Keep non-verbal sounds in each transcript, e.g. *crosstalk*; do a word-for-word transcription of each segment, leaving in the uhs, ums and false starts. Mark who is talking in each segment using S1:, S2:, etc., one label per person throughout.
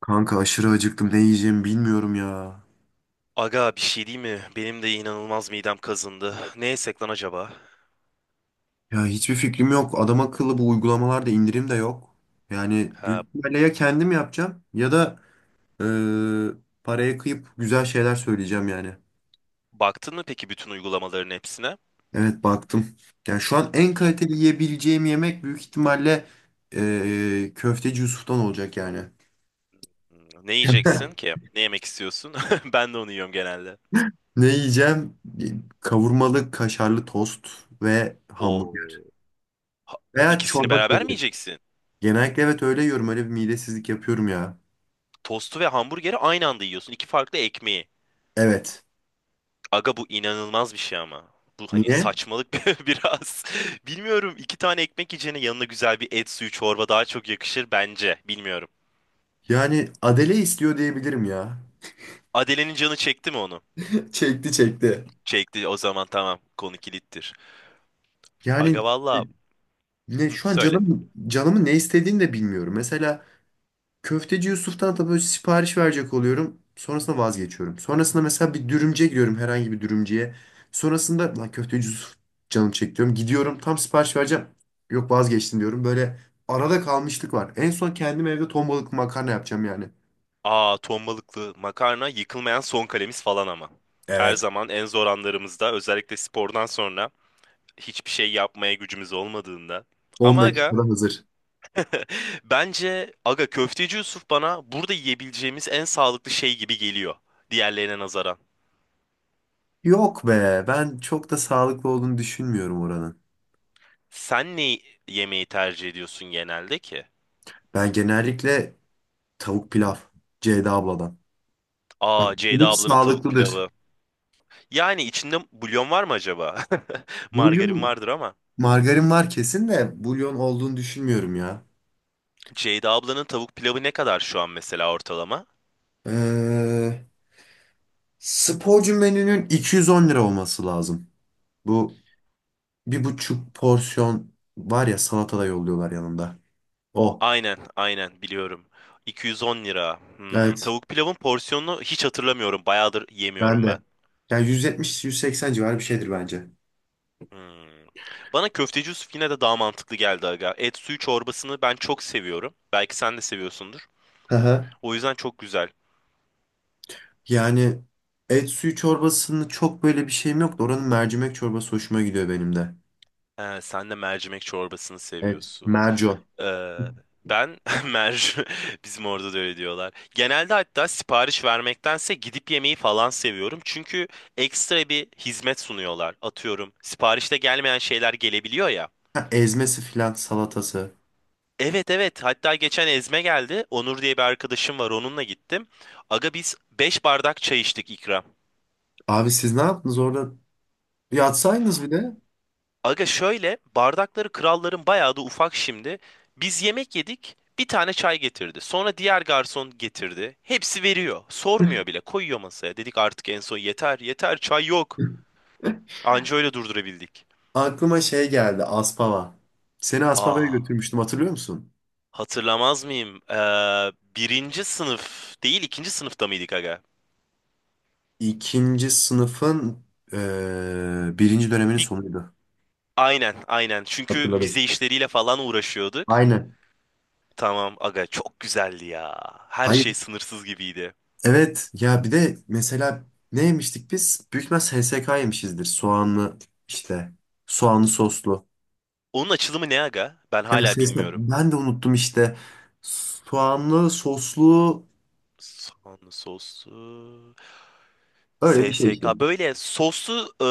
S1: Kanka aşırı acıktım. Ne yiyeceğimi bilmiyorum ya.
S2: Aga bir şey değil mi? Benim de inanılmaz midem kazındı. Ne yesek lan acaba?
S1: Ya hiçbir fikrim yok. Adam akıllı bu uygulamalarda indirim de yok. Yani büyük
S2: Ha,
S1: ihtimalle ya kendim yapacağım ya da e, paraya kıyıp güzel şeyler söyleyeceğim yani.
S2: baktın mı peki bütün uygulamaların hepsine?
S1: Evet baktım. Yani şu an en kaliteli yiyebileceğim yemek büyük ihtimalle e, köfteci Yusuf'tan olacak yani.
S2: Hmm, ne yiyeceksin
S1: *laughs*
S2: ki? Ne yemek istiyorsun? *laughs* Ben de onu yiyorum genelde.
S1: Ne yiyeceğim? Kavurmalı kaşarlı tost ve
S2: O
S1: hamburger. Veya
S2: ikisini
S1: çorba
S2: beraber mi
S1: söyleyeyim.
S2: yiyeceksin?
S1: Genellikle evet öyle yiyorum. Öyle bir midesizlik yapıyorum ya.
S2: Tostu ve hamburgeri aynı anda yiyorsun. İki farklı ekmeği.
S1: Evet.
S2: Aga bu inanılmaz bir şey ama. Bu hani
S1: Niye?
S2: saçmalık *laughs* bir- biraz. Bilmiyorum iki tane ekmek yiyeceğine yanına güzel bir et suyu çorba daha çok yakışır bence. Bilmiyorum.
S1: Yani Adele istiyor diyebilirim ya.
S2: Adele'nin canı çekti mi onu?
S1: *laughs* Çekti çekti.
S2: Çekti o zaman tamam, konu kilittir.
S1: Yani
S2: Aga valla,
S1: ne
S2: hı,
S1: şu an
S2: söyle.
S1: canım canımın ne istediğini de bilmiyorum. Mesela köfteci Yusuf'tan da böyle sipariş verecek oluyorum. Sonrasında vazgeçiyorum. Sonrasında mesela bir dürümcüye gidiyorum herhangi bir dürümcüye. Sonrasında lan köfteci Yusuf canım çekiyorum. Gidiyorum tam sipariş vereceğim. Yok vazgeçtim diyorum. Böyle arada kalmışlık var. En son kendim evde ton balıklı makarna yapacağım yani.
S2: Aa, ton balıklı makarna yıkılmayan son kalemiz falan ama. Her
S1: Evet.
S2: zaman en zor anlarımızda, özellikle spordan sonra hiçbir şey yapmaya gücümüz olmadığında.
S1: On
S2: Ama aga,
S1: dakikada hazır.
S2: *laughs* bence aga köfteci Yusuf bana burada yiyebileceğimiz en sağlıklı şey gibi geliyor. Diğerlerine nazaran.
S1: Yok be, ben çok da sağlıklı olduğunu düşünmüyorum oranın.
S2: Sen ne yemeği tercih ediyorsun genelde ki?
S1: Ben genellikle tavuk pilav, Ceyda abladan. Bak,
S2: Aa, Ceyda
S1: bu
S2: ablanın tavuk
S1: sağlıklıdır.
S2: pilavı. Yani içinde bulyon var mı acaba? *laughs* Margarin
S1: Bulyon,
S2: vardır ama.
S1: margarin var kesin de bulyon olduğunu düşünmüyorum ya.
S2: Ceyda ablanın tavuk pilavı ne kadar şu an mesela ortalama?
S1: Ee, sporcu menünün iki yüz on lira olması lazım. Bu bir buçuk porsiyon var ya salata da yolluyorlar yanında. O.
S2: Aynen, aynen biliyorum. iki yüz on lira. Hmm,
S1: Evet,
S2: tavuk pilavın porsiyonunu hiç hatırlamıyorum. Bayağıdır
S1: ben
S2: yemiyorum ben.
S1: de. Yani yüz yetmiş yüz seksen civarı bir şeydir bence.
S2: Hmm. Bana köfteci Yusuf yine de daha mantıklı geldi aga. Et suyu çorbasını ben çok seviyorum. Belki sen de seviyorsundur.
S1: *laughs*
S2: O yüzden çok güzel.
S1: Yani et suyu çorbasının çok böyle bir şeyim yok da oranın mercimek çorbası hoşuma gidiyor benim de.
S2: He, sen de mercimek çorbasını
S1: Evet.
S2: seviyorsun.
S1: Merco.
S2: Ee, Ben *laughs* mercu bizim orada da öyle diyorlar. Genelde hatta sipariş vermektense gidip yemeği falan seviyorum. Çünkü ekstra bir hizmet sunuyorlar. Atıyorum, siparişte gelmeyen şeyler gelebiliyor ya.
S1: Ha, ezmesi filan salatası.
S2: Evet, evet, hatta geçen ezme geldi. Onur diye bir arkadaşım var, onunla gittim. Aga biz beş bardak çay içtik ikram.
S1: Abi siz ne yaptınız orada? Yatsaydınız bir de.
S2: Aga şöyle bardakları kralların bayağı da ufak şimdi. Biz yemek yedik, bir tane çay getirdi. Sonra diğer garson getirdi. Hepsi veriyor. Sormuyor bile, koyuyor masaya. Dedik artık en son, yeter yeter çay yok.
S1: *laughs*
S2: Anca öyle durdurabildik.
S1: Aklıma şey geldi Aspava. Seni Aspava'ya
S2: Aa,
S1: götürmüştüm hatırlıyor musun?
S2: hatırlamaz mıyım? Ee, birinci sınıf değil, ikinci sınıfta mıydık aga?
S1: İkinci sınıfın eee, birinci döneminin
S2: Bir,
S1: sonuydu.
S2: aynen aynen çünkü
S1: Hatırladım.
S2: vize işleriyle falan uğraşıyorduk.
S1: Aynen.
S2: Tamam aga, çok güzeldi ya. Her
S1: Hayır.
S2: şey sınırsız gibiydi.
S1: Evet ya bir de mesela ne yemiştik biz? Büyük ihtimal S S K yemişizdir. Soğanlı işte. Soğanlı soslu.
S2: Onun açılımı ne aga? Ben
S1: Yani
S2: hala
S1: S S K
S2: bilmiyorum.
S1: ben de unuttum işte. Soğanlı soslu
S2: Soğanlı soslu.
S1: öyle bir şey işte.
S2: S S K böyle soslu e,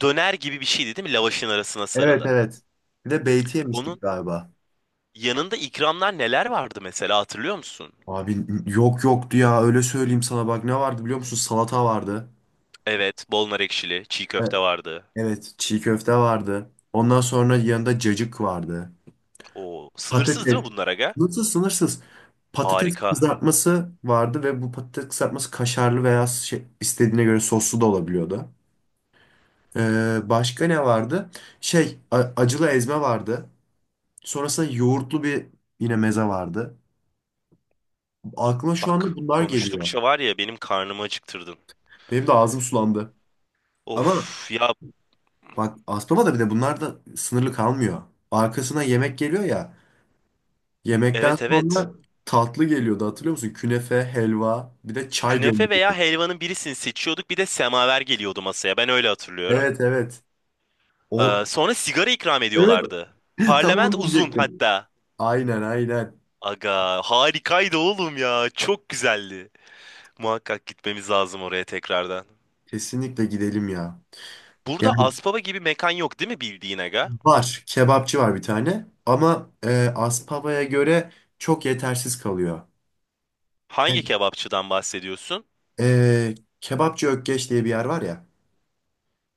S2: döner gibi bir şeydi değil mi? Lavaşın arasına
S1: Evet
S2: sarılı.
S1: evet. Bir de beyti yemiştik
S2: Onun
S1: galiba.
S2: yanında ikramlar neler vardı mesela, hatırlıyor musun?
S1: Abi yok yoktu ya öyle söyleyeyim sana bak ne vardı biliyor musun? Salata vardı.
S2: Evet, bol nar ekşili, çiğ köfte
S1: Evet.
S2: vardı.
S1: Evet çiğ köfte vardı. Ondan sonra yanında cacık vardı.
S2: O sınırsız
S1: Patates.
S2: değil mi bunlar aga?
S1: Nasıl sınırsız. Patates
S2: Harika.
S1: kızartması vardı ve bu patates kızartması kaşarlı veya şey, istediğine göre soslu da olabiliyordu. Ee, başka ne vardı? Şey a- acılı ezme vardı. Sonrasında yoğurtlu bir yine meze vardı. Aklıma şu anda
S2: Bak,
S1: bunlar geliyor.
S2: konuştukça var ya, benim karnımı acıktırdın.
S1: Benim de ağzım sulandı. Ama
S2: Of ya,
S1: bak Aspava'da bir de bunlar da sınırlı kalmıyor. Arkasına yemek geliyor ya. Yemekten
S2: evet, evet.
S1: sonra tatlı geliyordu hatırlıyor musun? Künefe, helva bir de çay
S2: Künefe veya
S1: gönderiyordu.
S2: helvanın birisini seçiyorduk, bir de semaver geliyordu masaya, ben öyle hatırlıyorum.
S1: Evet evet. O,
S2: Ee, sonra sigara ikram
S1: evet
S2: ediyorlardı.
S1: *laughs* tam
S2: Parlament
S1: onu
S2: uzun
S1: diyecektim.
S2: hatta.
S1: Aynen aynen.
S2: Aga harikaydı oğlum ya. Çok güzeldi. Muhakkak gitmemiz lazım oraya tekrardan.
S1: Kesinlikle gidelim ya.
S2: Burada
S1: Yani
S2: Aspava gibi mekan yok değil mi bildiğin aga?
S1: var. Kebapçı var bir tane. Ama e, Aspava'ya göre çok yetersiz kalıyor.
S2: Hangi
S1: Hem,
S2: kebapçıdan bahsediyorsun?
S1: e, Kebapçı Ökkeş diye bir yer var ya.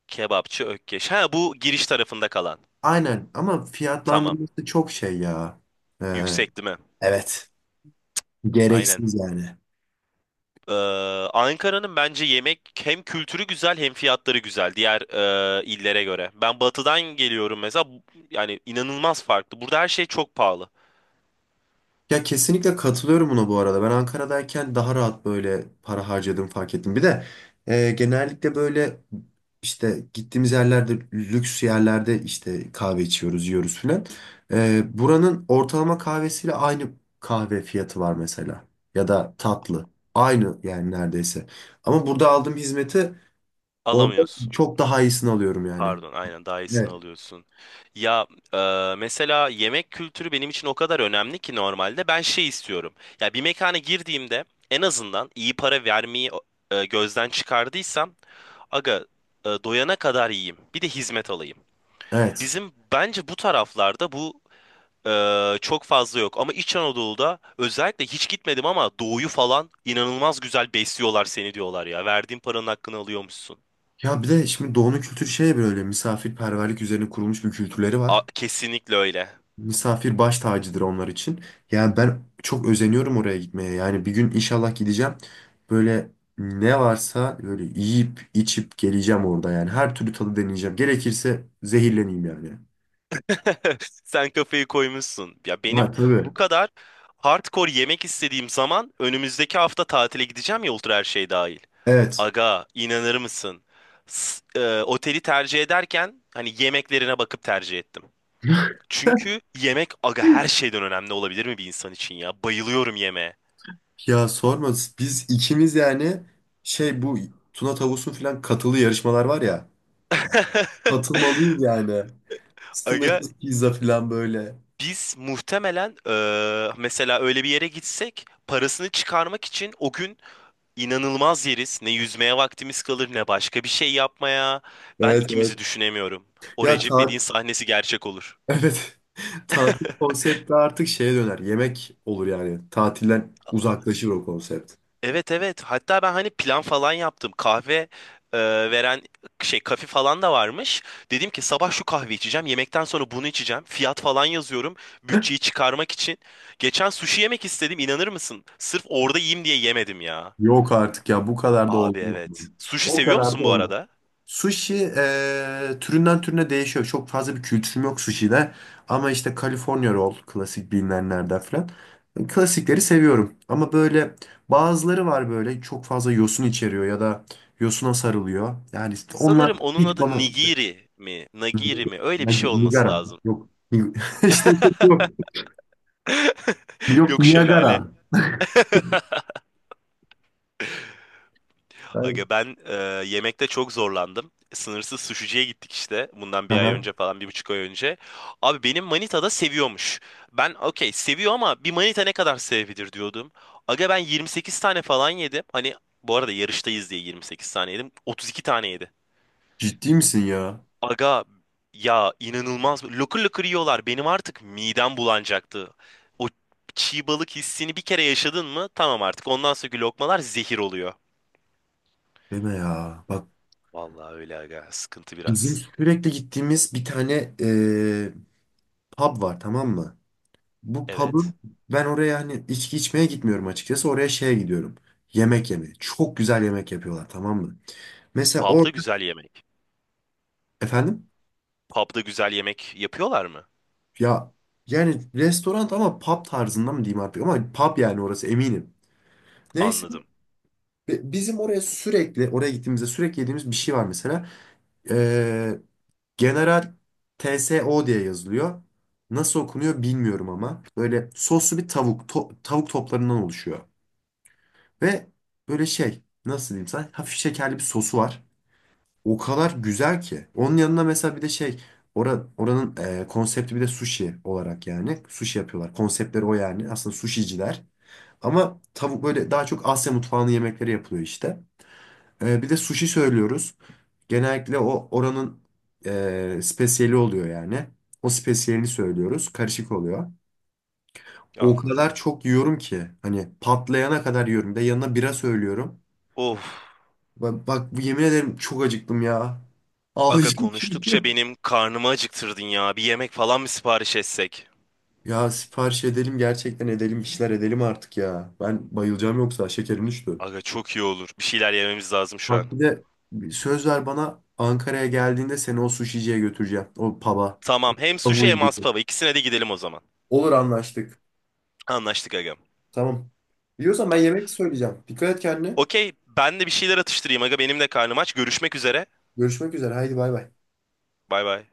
S2: Kebapçı Ökkeş. Ha, bu giriş tarafında kalan.
S1: Aynen ama
S2: Tamam.
S1: fiyatlandırması çok şey ya. E,
S2: Yüksek değil mi?
S1: evet.
S2: Aynen.
S1: Gereksiz yani.
S2: Ee, Ankara'nın bence yemek hem kültürü güzel hem fiyatları güzel, diğer e, illere göre. Ben batıdan geliyorum mesela. Bu- yani inanılmaz farklı. Burada her şey çok pahalı.
S1: Ya kesinlikle katılıyorum buna bu arada. Ben Ankara'dayken daha rahat böyle para harcadığımı fark ettim. Bir de e, genellikle böyle işte gittiğimiz yerlerde lüks yerlerde işte kahve içiyoruz, yiyoruz filan. E, buranın ortalama kahvesiyle aynı kahve fiyatı var mesela. Ya da tatlı. Aynı yani neredeyse. Ama burada aldığım hizmeti orada
S2: Alamıyorsun.
S1: çok daha iyisini alıyorum yani.
S2: Pardon, aynen, daha iyisini
S1: Evet.
S2: alıyorsun. Ya, e, mesela yemek kültürü benim için o kadar önemli ki, normalde ben şey istiyorum. Ya bir mekana girdiğimde en azından iyi para vermeyi e, gözden çıkardıysam aga, e, doyana kadar yiyeyim. Bir de hizmet alayım.
S1: Evet.
S2: Bizim bence bu taraflarda bu e, çok fazla yok. Ama İç Anadolu'da, özellikle hiç gitmedim ama, doğuyu falan inanılmaz güzel besliyorlar seni diyorlar ya. Verdiğin paranın hakkını alıyormuşsun.
S1: Ya bir de şimdi doğunun kültürü şey böyle misafirperverlik üzerine kurulmuş bir kültürleri var.
S2: A, kesinlikle öyle.
S1: Misafir baş tacıdır onlar için. Yani ben çok özeniyorum oraya gitmeye. Yani bir gün inşallah gideceğim. Böyle ne varsa böyle yiyip içip geleceğim orada yani. Her türlü tadı deneyeceğim. Gerekirse zehirleneyim yani.
S2: *laughs* Sen kafayı koymuşsun. Ya benim
S1: Ha, tabii.
S2: bu kadar hardcore yemek istediğim zaman, önümüzdeki hafta tatile gideceğim ya, ultra her şey dahil.
S1: Evet.
S2: Aga, inanır mısın? S- e, oteli tercih ederken hani yemeklerine bakıp tercih ettim. Çünkü yemek aga her şeyden önemli olabilir mi bir insan için ya? Bayılıyorum yemeğe.
S1: Ya sorma biz ikimiz yani şey bu Tuna Tavus'un falan katılı yarışmalar var ya. Katılmalıyız yani.
S2: Aga
S1: Sınırsız pizza falan böyle.
S2: biz muhtemelen e, mesela öyle bir yere gitsek parasını çıkarmak için o gün İnanılmaz yeriz. Ne yüzmeye vaktimiz kalır, ne başka bir şey yapmaya. Ben
S1: Evet evet.
S2: ikimizi düşünemiyorum. O
S1: Ya
S2: Recep
S1: ta.
S2: İvedik'in sahnesi gerçek olur.
S1: Evet. *laughs* Tatil konsepti artık şeye döner. Yemek olur yani. Tatilden uzaklaşır o konsept.
S2: Evet, evet. Hatta ben hani plan falan yaptım. Kahve e, veren şey kafe falan da varmış. Dedim ki sabah şu kahve içeceğim. Yemekten sonra bunu içeceğim. Fiyat falan yazıyorum. Bütçeyi
S1: *laughs*
S2: çıkarmak için. Geçen sushi yemek istedim. İnanır mısın? Sırf orada yiyeyim diye yemedim ya.
S1: Yok artık ya bu kadar da
S2: Abi
S1: olmuyor.
S2: evet. Sushi
S1: O
S2: seviyor
S1: kadar da
S2: musun bu
S1: olmuyor.
S2: arada?
S1: Sushi eee, türünden türüne değişiyor. Çok fazla bir kültürüm yok sushi'de. Ama işte California roll klasik bilinenlerden falan. Klasikleri seviyorum. Ama böyle bazıları var böyle çok fazla yosun içeriyor ya da yosuna sarılıyor. Yani işte onlar
S2: Sanırım onun
S1: hiç
S2: adı
S1: bana
S2: Nigiri mi? Nagiri
S1: Nig-
S2: mi? Öyle bir şey
S1: Nig-
S2: olması
S1: Nigara.
S2: lazım.
S1: Yok. Ni- *laughs* İşte çok yok.
S2: *laughs*
S1: Yok
S2: Yok,
S1: Niagara.
S2: şelale.
S1: Ben-
S2: Aga ben e, yemekte çok zorlandım. Sınırsız suşiciye gittik işte. Bundan bir ay
S1: Aha.
S2: önce falan, bir buçuk ay önce. Abi benim manita da seviyormuş. Ben okey seviyor ama bir manita ne kadar sevebilir diyordum. Aga ben yirmi sekiz tane falan yedim. Hani bu arada yarıştayız diye yirmi sekiz tane yedim. otuz iki tane yedi.
S1: Ciddi misin ya?
S2: Aga ya, inanılmaz. Lokur lokur yiyorlar. Benim artık midem bulanacaktı. O çiğ balık hissini bir kere yaşadın mı? Tamam artık. Ondan sonraki lokmalar zehir oluyor.
S1: Deme ya. Bak
S2: Vallahi öyle aga. Sıkıntı
S1: bizim
S2: biraz.
S1: sürekli gittiğimiz bir tane eee, pub var tamam mı? Bu pub'ın
S2: Evet.
S1: ben oraya hani içki içmeye gitmiyorum açıkçası. Oraya şeye gidiyorum. Yemek yemeye. Çok güzel yemek yapıyorlar tamam mı? Mesela
S2: Pub'da
S1: orada
S2: güzel yemek.
S1: efendim
S2: Pub'da güzel yemek yapıyorlar mı?
S1: ya yani restoran ama pub tarzında mı diyeyim artık ama pub yani orası eminim. Neyse
S2: Anladım.
S1: ve bizim oraya sürekli, oraya gittiğimizde sürekli yediğimiz bir şey var mesela. Ee, General T S O diye yazılıyor. Nasıl okunuyor bilmiyorum ama. Böyle soslu bir tavuk, to- tavuk toplarından oluşuyor. Ve böyle şey, nasıl diyeyim sana, hafif şekerli bir sosu var. O kadar güzel ki. Onun yanına mesela bir de şey, ora- oranın e, konsepti bir de sushi olarak yani. Sushi yapıyorlar. Konseptleri o yani. Aslında sushiciler. Ama tavuk böyle daha çok Asya mutfağının yemekleri yapılıyor işte. Ee, bir de sushi söylüyoruz. Genellikle o oranın e, spesiyeli oluyor yani. O spesiyelini söylüyoruz. Karışık oluyor. O kadar
S2: Anladım.
S1: çok yiyorum ki hani patlayana kadar yiyorum. Bir de yanına bira söylüyorum.
S2: Of.
S1: Bak, bak yemin ederim çok acıktım ya.
S2: Aga,
S1: Ağlayacağım
S2: konuştukça
S1: şimdi. *laughs*
S2: benim karnımı acıktırdın ya. Bir yemek falan mı sipariş etsek?
S1: Ya sipariş edelim gerçekten edelim bir şeyler edelim artık ya. Ben bayılacağım yoksa şekerim düştü.
S2: Aga çok iyi olur. Bir şeyler yememiz lazım şu an.
S1: Bak bir de söz ver bana Ankara'ya geldiğinde seni o suşiciye götüreceğim. O pub'a.
S2: Tamam. Hem
S1: Tavuğu
S2: sushi hem
S1: yedireceğim.
S2: aspava. İkisine de gidelim o zaman.
S1: Olur anlaştık.
S2: Anlaştık agam.
S1: Tamam. Biliyorsan ben yemek söyleyeceğim. Dikkat et kendine.
S2: Okey, ben de bir şeyler atıştırayım aga, benim de karnım aç. Görüşmek üzere.
S1: Görüşmek üzere. Haydi bay bay.
S2: Bay bay.